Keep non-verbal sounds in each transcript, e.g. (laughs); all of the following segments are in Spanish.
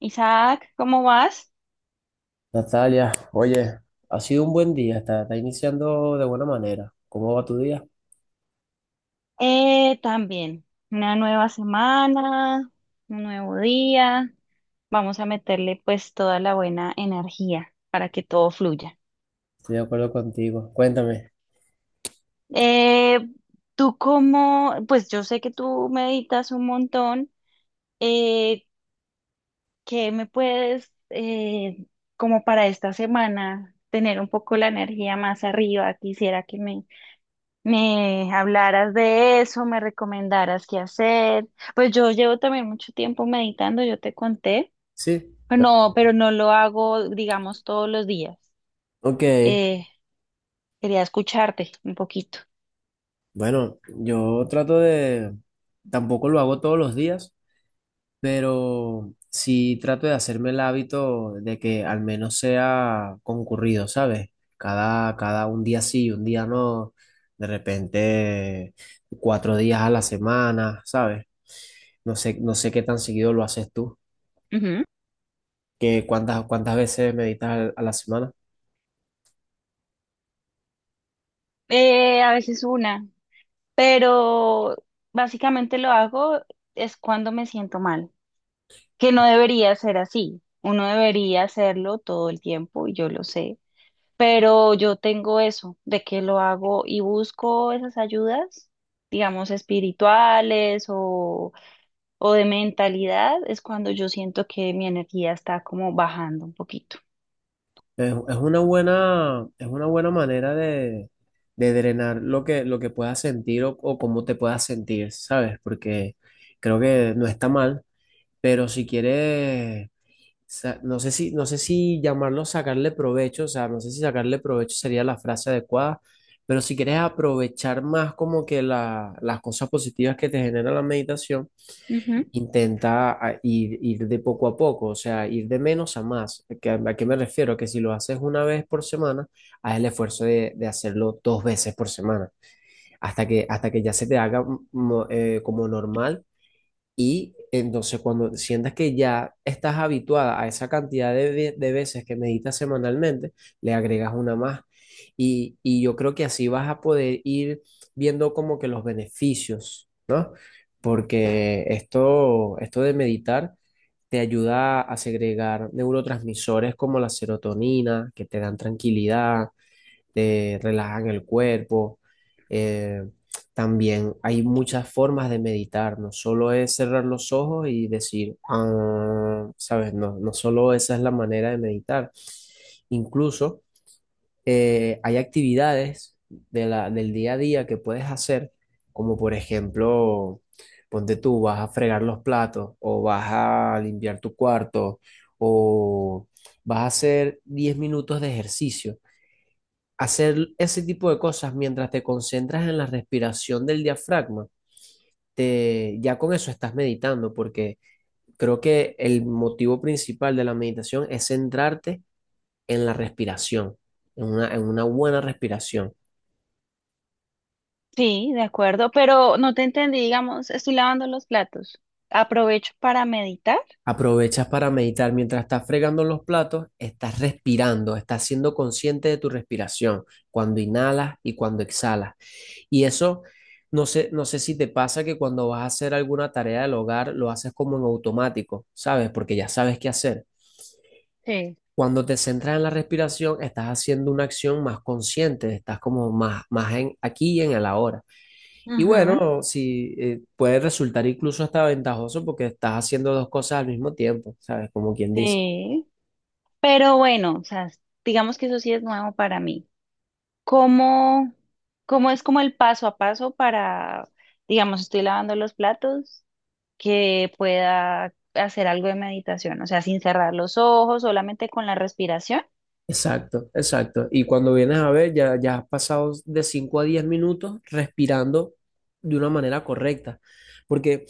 Isaac, ¿cómo vas? Natalia, oye, ha sido un buen día, está iniciando de buena manera. ¿Cómo va tu día? También, una nueva semana, un nuevo día. Vamos a meterle pues toda la buena energía para que todo fluya. Estoy de acuerdo contigo. Cuéntame. Eh, Tú cómo, pues yo sé que tú meditas un montón. Eh, ¿Qué me puedes, como para esta semana, tener un poco la energía más arriba? Quisiera que me hablaras de eso, me recomendaras qué hacer. Pues yo llevo también mucho tiempo meditando, yo te conté. Sí. No, pero no lo hago, digamos, todos los días. Ok, Eh, Quería escucharte un poquito. bueno, yo trato de, tampoco lo hago todos los días, pero sí trato de hacerme el hábito de que al menos sea concurrido, ¿sabes? Cada un día sí, un día no, de repente 4 días a la semana, ¿sabes? No sé qué tan seguido lo haces tú. Ujú. Que cuántas veces meditas a la semana. A veces una, pero básicamente lo hago es cuando me siento mal, que no debería ser así. Uno debería hacerlo todo el tiempo y yo lo sé. Pero yo tengo eso, de que lo hago y busco esas ayudas, digamos, espirituales o de mentalidad, es cuando yo siento que mi energía está como bajando un poquito. Es una buena, es una buena manera de drenar lo que puedas sentir o cómo te puedas sentir, ¿sabes? Porque creo que no está mal, pero si quieres, no sé si, no sé si llamarlo sacarle provecho, o sea, no sé si sacarle provecho sería la frase adecuada, pero si quieres aprovechar más como que las cosas positivas que te genera la meditación. Ujú. Intenta ir, ir de poco a poco, o sea, ir de menos a más. ¿A qué me refiero? Que si lo haces una vez por semana, haz el esfuerzo de hacerlo dos veces por semana, hasta que ya se te haga como normal, y entonces cuando sientas que ya estás habituada a esa cantidad de, de veces que meditas semanalmente, le agregas una más. Y yo creo que así vas a poder ir viendo como que los beneficios, porque esto de meditar te ayuda a segregar neurotransmisores como la serotonina, que te dan tranquilidad, te relajan el cuerpo. Eh, También hay muchas formas de meditar, no solo es cerrar los ojos y decir, "Ah", ¿sabes? No, no solo esa es la manera de meditar. Incluso hay actividades de del día a día que puedes hacer, como por ejemplo, ponte tú, vas a fregar los platos o vas a limpiar tu cuarto o vas a hacer 10 minutos de ejercicio. Hacer ese tipo de cosas mientras te concentras en la respiración del diafragma, te, ya con eso estás meditando, porque creo que el motivo principal de la meditación es centrarte en la respiración, en una buena respiración. Sí, de acuerdo, pero no te entendí, digamos, estoy lavando los platos. Aprovecho para meditar. Aprovechas para meditar. Mientras estás fregando los platos, estás respirando, estás siendo consciente de tu respiración, cuando inhalas y cuando exhalas. Y eso, no sé, no sé si te pasa que cuando vas a hacer alguna tarea del hogar, lo haces como en automático, ¿sabes? Porque ya sabes qué hacer. Sí. Cuando te centras en la respiración, estás haciendo una acción más consciente, estás como más, más en aquí y en el ahora. Y Ujú. bueno, si puede resultar incluso hasta ventajoso porque estás haciendo dos cosas al mismo tiempo, ¿sabes? Como quien dice. Sí, pero bueno, o sea, digamos que eso sí es nuevo para mí. ¿Cómo, cómo es como el paso a paso para, digamos, estoy lavando los platos, que pueda hacer algo de meditación? O sea, sin cerrar los ojos, solamente con la respiración. Exacto, exacto. Y cuando vienes a ver, ya, ya has pasado de 5 a 10 minutos respirando de una manera correcta. Porque,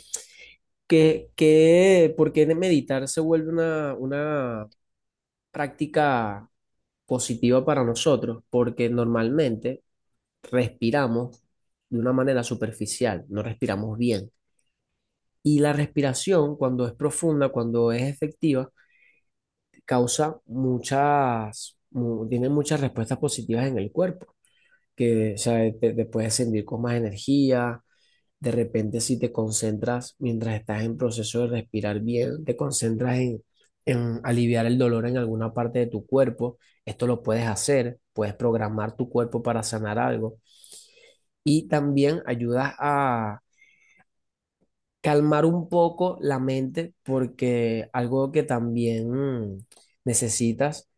¿por qué meditar se vuelve una práctica positiva para nosotros? Porque normalmente respiramos de una manera superficial, no respiramos bien. Y la respiración, cuando es profunda, cuando es efectiva, causa muchas, tiene muchas respuestas positivas en el cuerpo. Que o sea, te puedes sentir con más energía. De repente, si te concentras mientras estás en proceso de respirar bien, te concentras en aliviar el dolor en alguna parte de tu cuerpo. Esto lo puedes hacer, puedes programar tu cuerpo para sanar algo. Y también ayudas a calmar un poco la mente porque algo que también mm, necesitas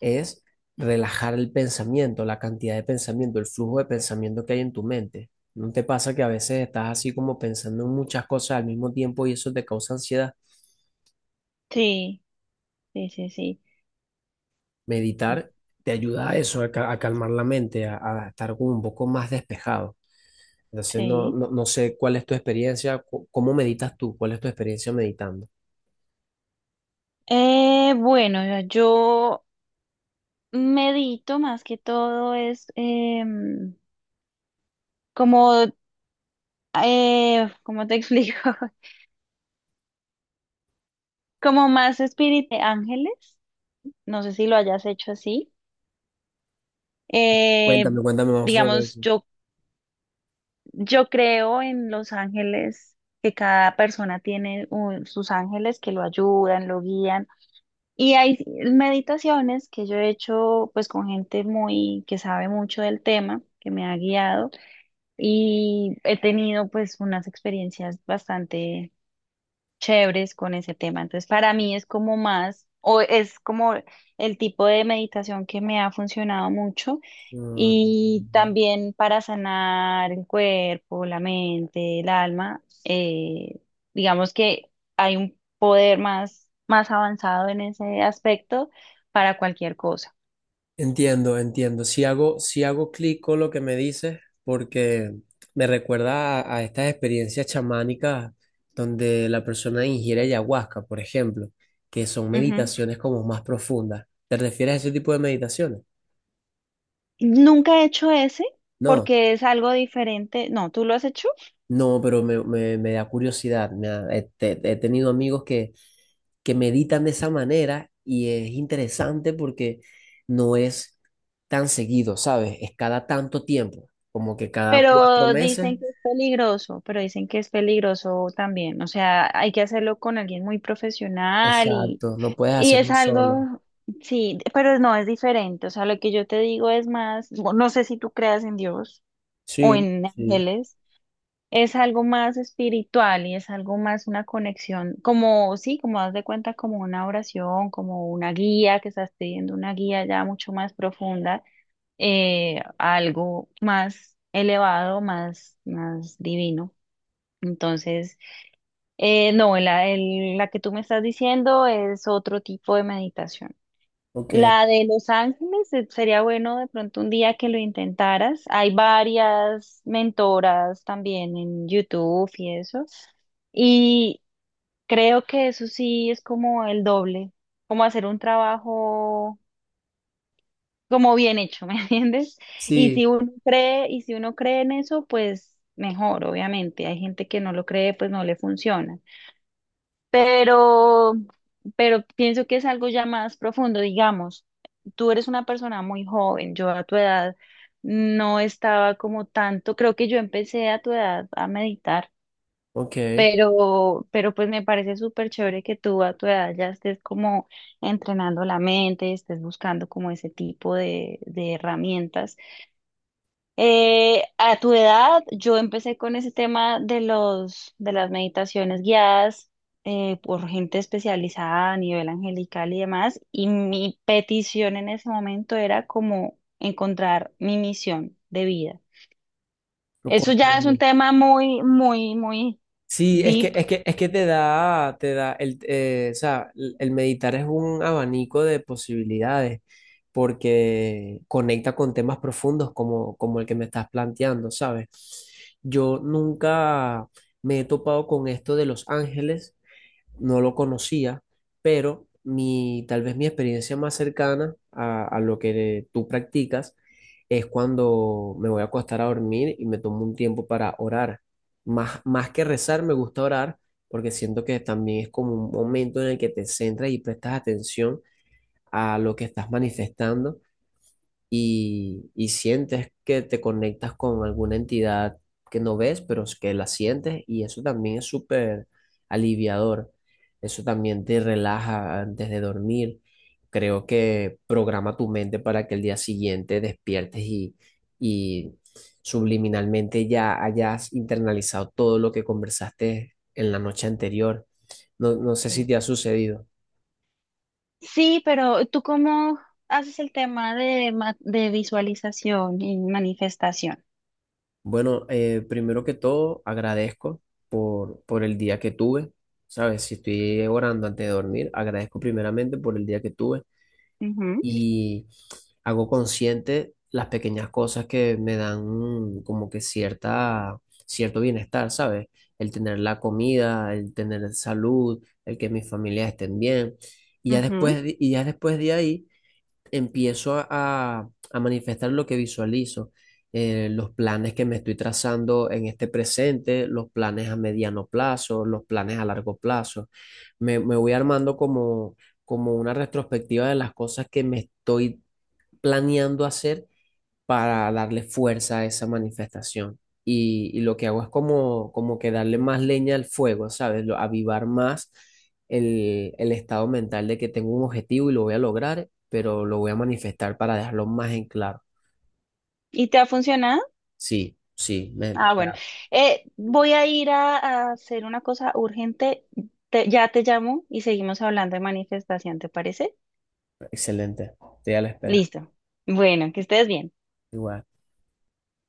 es relajar el pensamiento, la cantidad de pensamiento, el flujo de pensamiento que hay en tu mente. ¿No te pasa que a veces estás así como pensando en muchas cosas al mismo tiempo y eso te causa ansiedad? Sí, sí, sí, sí, Meditar te ayuda a eso, a calmar la mente, a estar como un poco más despejado. Entonces, no, sí. no, no sé cuál es tu experiencia, cómo meditas tú, cuál es tu experiencia meditando. Bueno, yo medito más que todo es em, como, ¿cómo te explico? (laughs) Como más espíritu de ángeles. No sé si lo hayas hecho así. Eh, Cuéntame, cuéntame más sobre digamos, eso. Yo creo en los ángeles, que cada persona tiene un- sus ángeles que lo ayudan, lo guían. Y hay meditaciones que yo he hecho pues con gente muy que sabe mucho del tema, que me ha guiado y he tenido pues unas experiencias bastante chéveres con ese tema. Entonces, para mí es como más, o es como el tipo de meditación que me ha funcionado mucho Mm. y también para sanar el cuerpo, la mente, el alma, digamos que hay un poder más, más avanzado en ese aspecto para cualquier cosa. Entiendo, entiendo. Si hago, si hago clic con lo que me dices, porque me recuerda a estas experiencias chamánicas donde la persona ingiere ayahuasca, por ejemplo, que son Ujú. meditaciones como más profundas. ¿Te refieres a ese tipo de meditaciones? Nunca he hecho ese No. porque es algo diferente. No, ¿tú lo has hecho? No, pero me, me da curiosidad. Me he tenido amigos que meditan de esa manera y es interesante porque no es tan seguido, ¿sabes? Es cada tanto tiempo, como que cada cuatro Pero meses. dicen que es peligroso, pero dicen que es peligroso también. O sea, hay que hacerlo con alguien muy profesional Exacto, no puedes y es hacerlo solo. algo, sí, pero no es diferente. O sea, lo que yo te digo es más, no no sé si tú creas en Dios o Sí, en sí, ángeles, es algo más espiritual y es algo más una conexión, como, sí, como das de cuenta, como una oración, como una guía, que estás pidiendo una guía ya mucho más profunda a algo más elevado, más, más divino. Entonces, no, la que tú me estás diciendo es otro tipo de meditación. ok, La de Los Ángeles, sería bueno de pronto un día que lo intentaras. Hay varias mentoras también en YouTube y eso. Y creo que eso sí es como el doble, como hacer un trabajo como bien hecho, (laughs) ¿me entiendes? Y si sí, uno cree, y si uno cree en eso, pues mejor, obviamente. Hay gente que no lo cree, pues no le funciona. Pero, pero pienso que es algo ya más profundo, digamos. Tú eres una persona muy joven, yo a tu edad no estaba como tanto, creo que yo empecé a tu edad a meditar, ok, pero pues me parece súper chévere que tú a tu edad ya estés como entrenando la mente, estés buscando como ese tipo de herramientas. A tu edad, yo empecé con ese tema de de las meditaciones guiadas por gente especializada a nivel angelical y demás, y mi petición en ese momento era como encontrar mi misión de vida. lo Eso ya es un comprendo. tema muy, muy, muy Sí, es deep. que, es que, es que te da el, o sea, el meditar es un abanico de posibilidades porque conecta con temas profundos como, como el que me estás planteando, ¿sabes? Yo nunca me he topado con esto de los ángeles, no lo conocía, pero mi, tal vez mi experiencia más cercana a lo que tú practicas es cuando me voy a acostar a dormir y me tomo un tiempo para orar. Más, más que rezar, me gusta orar porque siento que también es como un momento en el que te centras y prestas atención a lo que estás manifestando y sientes que te conectas con alguna entidad que no ves, pero es que la sientes y eso también es súper aliviador. Eso también te relaja antes de dormir. Creo que programa tu mente para que el día siguiente despiertes y subliminalmente ya hayas internalizado todo lo que conversaste en la noche anterior. No, no sé si Eh. te ha sucedido. Sí, pero ¿tú cómo haces el tema de, ma- de visualización y manifestación? Bueno, primero que todo, agradezco por el día que tuve, ¿sabes? Si estoy orando antes de dormir, agradezco primeramente por el día que tuve Ujú, y hago consciente las pequeñas cosas que me dan como que cierta, cierto bienestar, ¿sabes? El tener la comida, el tener salud, el que mis familias estén bien. Y ya ujú. después, y ya después de ahí empiezo a, a manifestar lo que visualizo, los planes que me estoy trazando en este presente, los planes a mediano plazo, los planes a largo plazo. Me voy armando como, como una retrospectiva de las cosas que me estoy planeando hacer para darle fuerza a esa manifestación. Y lo que hago es como, como que darle más leña al fuego, ¿sabes? Avivar más el estado mental de que tengo un objetivo y lo voy a lograr, pero lo voy a manifestar para dejarlo más en claro. ¿Y te ha funcionado? Sí, sí, Ah, bueno. ya, Voy a ir a hacer una cosa urgente. Te- ya te llamo y seguimos hablando de manifestación, ¿te parece? excelente. Estoy a la espera. Listo. Bueno, que estés bien. Igual.